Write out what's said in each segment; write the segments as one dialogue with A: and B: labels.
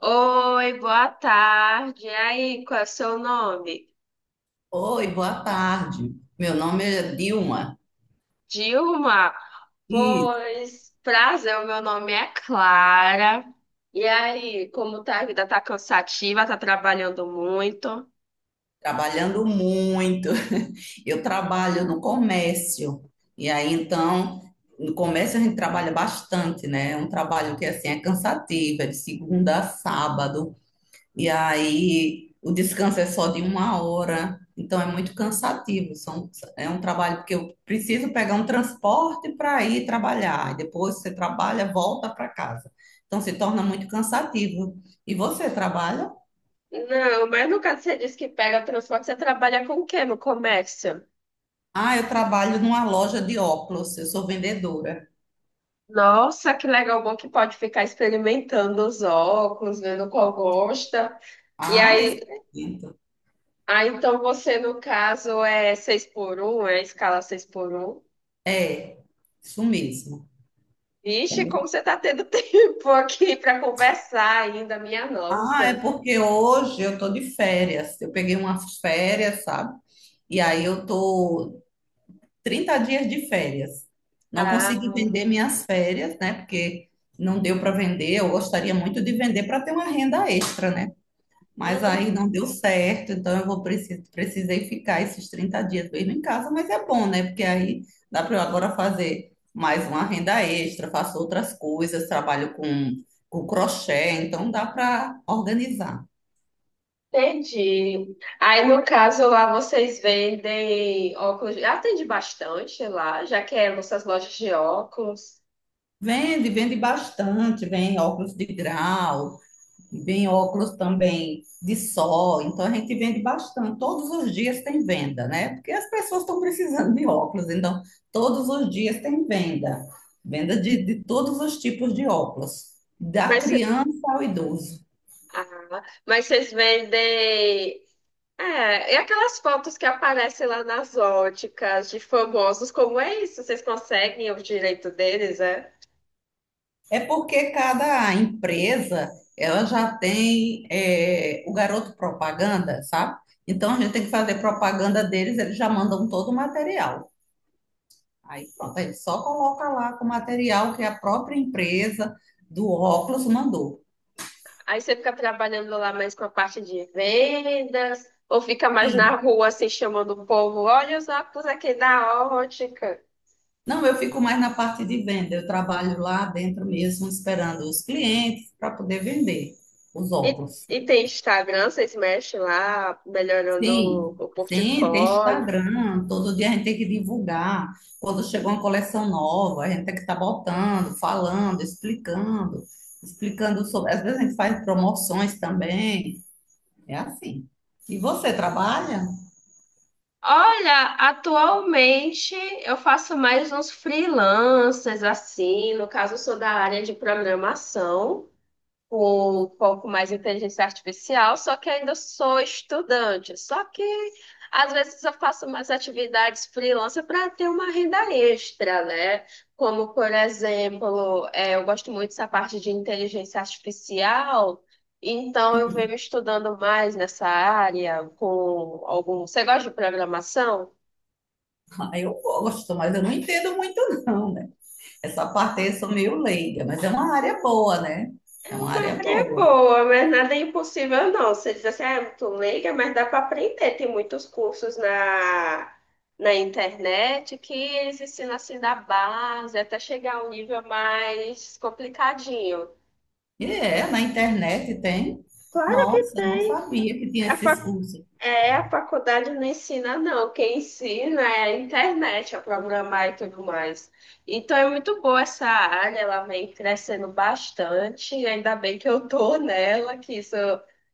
A: Oi, boa tarde. E aí, qual é o seu nome?
B: Oi, boa tarde. Meu nome é Dilma
A: Dilma?
B: e
A: Pois, prazer, o meu nome é Clara. E aí, como tá a vida? Tá cansativa? Tá trabalhando muito?
B: trabalhando muito. Eu trabalho no comércio e aí então no comércio a gente trabalha bastante, né? É um trabalho que assim é cansativo, é de segunda a sábado. E aí o descanso é só de uma hora, então é muito cansativo. São, é um trabalho porque eu preciso pegar um transporte para ir trabalhar. E depois você trabalha, volta para casa. Então se torna muito cansativo. E você trabalha?
A: Não, mas no caso você disse que pega transporte, você trabalha com o quê no comércio?
B: Ah, eu trabalho numa loja de óculos, eu sou vendedora.
A: Nossa, que legal, bom que pode ficar experimentando os óculos, vendo qual gosta. E
B: Ah, isso
A: aí,
B: é lindo.
A: ah, então você, no caso, é 6 por um, é a escala 6 por um?
B: É, isso mesmo. É
A: Vixe, como
B: mesmo?
A: você está tendo tempo aqui para conversar ainda, minha
B: Ah, é
A: nossa.
B: porque hoje eu tô de férias. Eu peguei umas férias, sabe? E aí eu tô 30 dias de férias. Não
A: Ah,
B: consegui vender minhas férias, né? Porque não deu para vender. Eu gostaria muito de vender para ter uma renda extra, né? Mas aí
A: hum,
B: não deu certo, então eu vou precisei ficar esses 30 dias mesmo em casa, mas é bom, né? Porque aí dá para eu agora fazer mais uma renda extra, faço outras coisas, trabalho com crochê, então dá para organizar.
A: entendi. Aí, no caso, lá vocês vendem óculos. Eu Atende bastante lá, já que é nossas lojas de óculos.
B: Vende, vende bastante, vem óculos de grau, vem óculos também de sol, então a gente vende bastante. Todos os dias tem venda, né? Porque as pessoas estão precisando de óculos, então todos os dias tem venda. Venda de todos os tipos de óculos, da
A: Mas, cê-
B: criança ao idoso.
A: mas vocês vendem. É, e aquelas fotos que aparecem lá nas óticas de famosos, como é isso? Vocês conseguem o direito deles, é?
B: É porque cada empresa ela já tem o garoto propaganda, sabe? Então a gente tem que fazer propaganda deles, eles já mandam todo o material. Aí pronto, aí só coloca lá com o material que a própria empresa do óculos mandou.
A: Aí você fica trabalhando lá mais com a parte de vendas, ou fica mais na
B: E,
A: rua assim chamando o povo, olha os óculos aqui da ótica.
B: não, eu fico mais na parte de venda, eu trabalho lá dentro mesmo esperando os clientes para poder vender os
A: E,
B: óculos.
A: e tem Instagram, vocês mexem lá, melhorando o,
B: Sim,
A: o
B: sim, tem
A: portfólio.
B: Instagram, todo dia a gente tem que divulgar. Quando chega uma coleção nova, a gente tem que estar botando, falando, explicando, explicando sobre. Às vezes a gente faz promoções também, é assim. E você trabalha?
A: Olha, atualmente eu faço mais uns freelancers assim, no caso eu sou da área de programação. Com foco mais em inteligência artificial, só que ainda sou estudante. Só que às vezes eu faço umas atividades freelancer para ter uma renda extra, né? Como, por exemplo, é, eu gosto muito dessa parte de inteligência artificial, então eu venho estudando mais nessa área com algum. Você gosta de programação?
B: Ah, eu gosto, mas eu não entendo muito, não, né? Essa parte aí eu sou meio leiga, mas é uma área boa, né? É uma área
A: É
B: boa.
A: boa, mas nada é impossível, não. Você diz assim, ah, é muito leiga, mas dá para aprender. Tem muitos cursos na internet que eles ensinam assim da base até chegar a um nível mais complicadinho.
B: E é, na internet tem.
A: Claro que
B: Nossa, eu não
A: tem.
B: sabia que tinha
A: A
B: esses cursos.
A: É, a faculdade não ensina, não. Quem ensina é a internet a programar e tudo mais. Então é muito boa essa área, ela vem crescendo bastante, e ainda bem que eu tô nela, que isso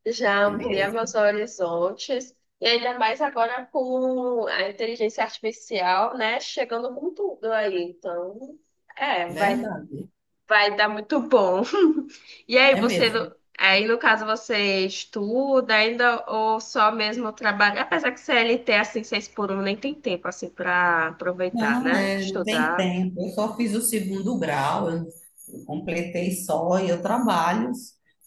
A: já
B: É
A: amplia meus
B: mesmo,
A: horizontes. E ainda mais agora com a inteligência artificial, né, chegando com tudo aí. Então, é, vai,
B: verdade.
A: vai dar muito bom. E aí
B: É
A: você,
B: mesmo.
A: aí no caso você estuda ainda ou só mesmo trabalha? Apesar que CLT assim, seis por um nem tem tempo assim para aproveitar,
B: Não,
A: né?
B: é, não tem
A: Estudar.
B: tempo. Eu só fiz o segundo grau, eu completei só e eu trabalho,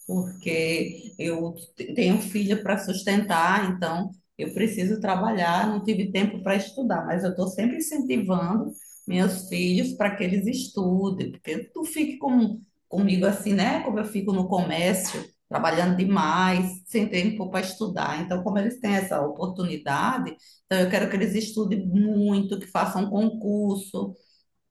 B: porque eu tenho filha para sustentar, então eu preciso trabalhar, não tive tempo para estudar, mas eu estou sempre incentivando meus filhos para que eles estudem, porque tu fique com, comigo assim, né? Como eu fico no comércio, trabalhando demais, sem tempo para estudar. Então, como eles têm essa oportunidade, então, eu quero que eles estudem muito, que façam um concurso,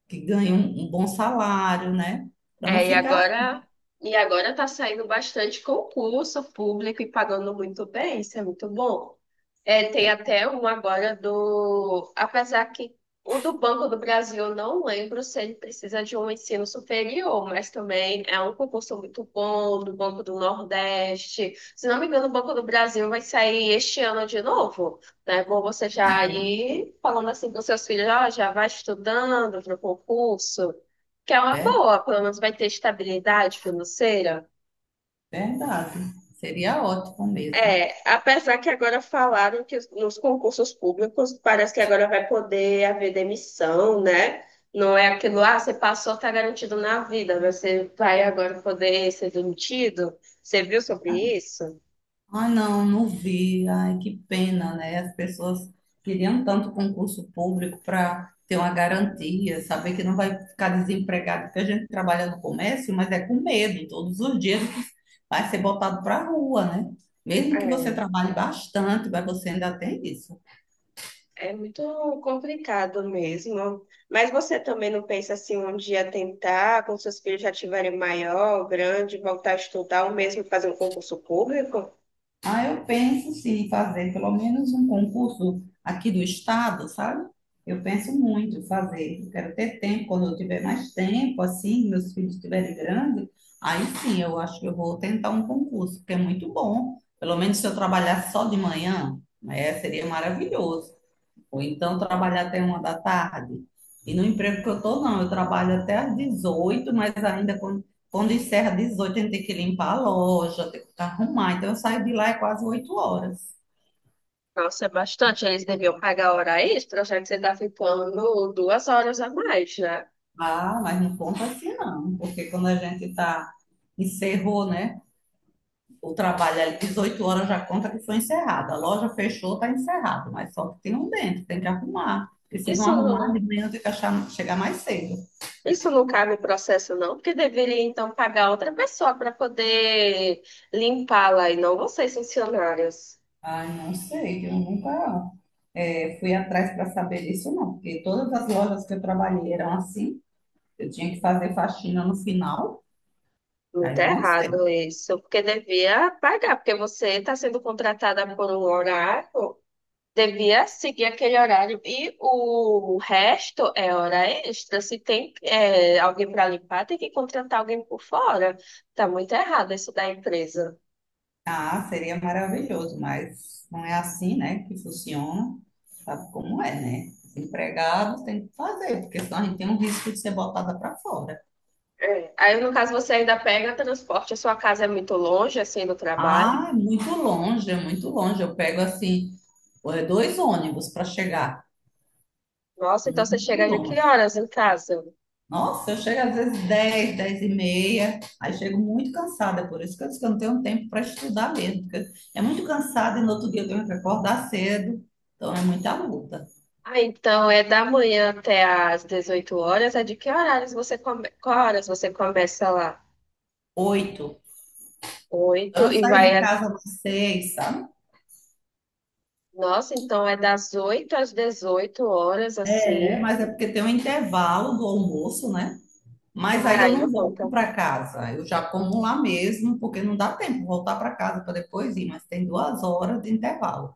B: que ganhem um bom salário, né? Para não
A: É, e
B: ficar.
A: agora, e agora tá saindo bastante concurso público e pagando muito bem, isso é muito bom. É, tem
B: É,
A: até um agora do, apesar que o do Banco do Brasil, eu não lembro se ele precisa de um ensino superior, mas também é um concurso muito bom do Banco do Nordeste. Se não me engano, o Banco do Brasil vai sair este ano de novo, né? Bom, você já
B: é,
A: ir falando assim com seus filhos, ó, já vai estudando para o concurso. Que é uma
B: é
A: boa, pelo menos vai ter estabilidade financeira.
B: verdade. Seria ótimo mesmo.
A: É, apesar que agora falaram que nos concursos públicos parece que agora vai poder haver demissão, né? Não é aquilo, ah, você passou, tá garantido na vida, mas você vai agora poder ser demitido. Você viu sobre isso?
B: Ai, não, não vi. Ai, que pena, né? As pessoas queriam tanto concurso público para ter uma garantia, saber que não vai ficar desempregado, porque a gente trabalha no comércio, mas é com medo. Todos os dias vai ser botado para a rua, né? Mesmo que você
A: É,
B: trabalhe bastante, mas você ainda tem isso.
A: é, muito complicado mesmo. Mas você também não pensa assim um dia tentar, quando seus filhos já tiverem maior, grande, voltar a estudar ou mesmo fazer um concurso público?
B: Ah, eu penso sim em fazer pelo menos um concurso aqui do estado, sabe? Eu penso muito em fazer. Eu quero ter tempo, quando eu tiver mais tempo, assim, meus filhos estiverem grandes, aí sim, eu acho que eu vou tentar um concurso, porque é muito bom. Pelo menos se eu trabalhar só de manhã, né, seria maravilhoso. Ou então trabalhar até uma da tarde. E no emprego que eu estou, não, eu trabalho até às 18, mas ainda quando encerra às 18, a gente tem que limpar a loja, tem que arrumar. Então eu saio de lá é quase 8 horas.
A: Nossa, é bastante. Eles deviam pagar hora extra, já que você está ficando 2 horas a mais, né?
B: Ah, mas não conta assim não, porque quando a gente tá, encerrou, né? O trabalho ali, 18 horas já conta que foi encerrado. A loja fechou, tá encerrado, mas só que tem um dentro, tem que arrumar. Porque se não
A: Isso
B: arrumar,
A: não,
B: de manhã tem que achar, chegar mais cedo.
A: isso não cabe no processo, não, porque deveria então pagar outra pessoa para poder limpá-la e não vocês, funcionários.
B: Ai, não sei, eu nunca fui atrás para saber disso, não, porque todas as lojas que eu trabalhei eram assim, eu tinha que fazer faxina no final,
A: Muito
B: daí eu não sei.
A: errado isso, porque devia pagar, porque você está sendo contratada por um horário. Devia seguir aquele horário. E o resto é hora extra. Se tem é, alguém para limpar, tem que contratar alguém por fora. Tá muito errado isso da empresa.
B: Ah, seria maravilhoso, mas não é assim, né, que funciona, sabe como é, né? Os empregados têm que fazer, porque senão a gente tem um risco de ser botada para fora.
A: É. Aí, no caso, você ainda pega transporte, a sua casa é muito longe, assim, do trabalho.
B: Ah, é muito longe, eu pego assim, 2 ônibus para chegar,
A: Nossa, então você
B: muito
A: chega de que
B: longe.
A: horas em casa?
B: Nossa, eu chego às vezes 10, 10 e meia, aí chego muito cansada, por isso que eu disse que eu não tenho tempo para estudar mesmo, porque é muito cansada e no outro dia eu tenho que acordar cedo, então é muita luta.
A: Ah, então é da manhã até às 18 horas. É de que horários você come... Qual horas você começa lá?
B: Oito,
A: 8
B: então eu
A: e
B: saio
A: vai.
B: de casa às 6, sabe?
A: Nossa, então é das 8 às 18 horas,
B: É,
A: assim.
B: mas é porque tem um intervalo do almoço, né? Mas aí eu
A: Ai,
B: não
A: não
B: volto
A: conta.
B: para casa, eu já como lá mesmo, porque não dá tempo de voltar para casa para depois ir, mas tem 2 horas de intervalo.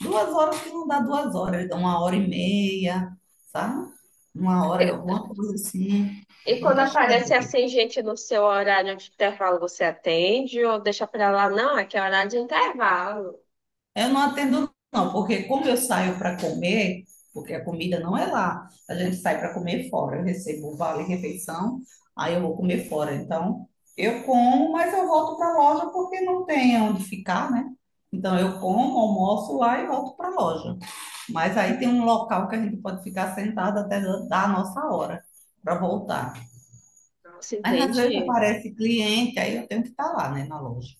B: Duas horas que não dá 2 horas, então 1 hora e meia, sabe? 1 hora, alguma coisa assim.
A: E
B: Mas
A: quando
B: nunca chega a
A: aparece
B: duas.
A: assim, gente, no seu horário de intervalo, você atende ou deixa pra lá? Não, aqui é horário de intervalo.
B: Eu não atendo, não, porque como eu saio para comer, porque a comida não é lá, a gente sai para comer fora. Eu recebo o vale refeição, aí eu vou comer fora. Então, eu como, mas eu volto para a loja porque não tem onde ficar, né? Então, eu como, almoço lá e volto para a loja. Mas aí tem um local que a gente pode ficar sentado até dar a nossa hora para voltar.
A: Nossa,
B: Mas às vezes
A: entendi.
B: aparece cliente, aí eu tenho que estar lá, né, na loja.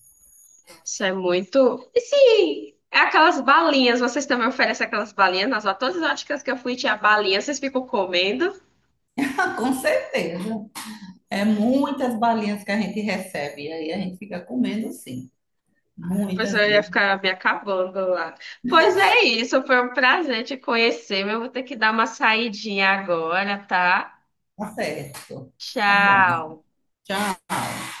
A: Nossa, é muito. E sim, é aquelas balinhas, vocês também oferecem aquelas balinhas? Nossa, todas as óticas que eu fui tinha balinha, vocês ficam comendo?
B: Com certeza. É muitas balinhas que a gente recebe, e aí a gente fica comendo sim.
A: Ai, depois
B: Muitas
A: eu ia
B: mesmo.
A: ficar me acabando lá. Pois é isso, foi um prazer te conhecer, mas eu vou ter que dar uma saidinha agora, tá?
B: Tá certo. Tá bom.
A: Tchau.
B: Tchau.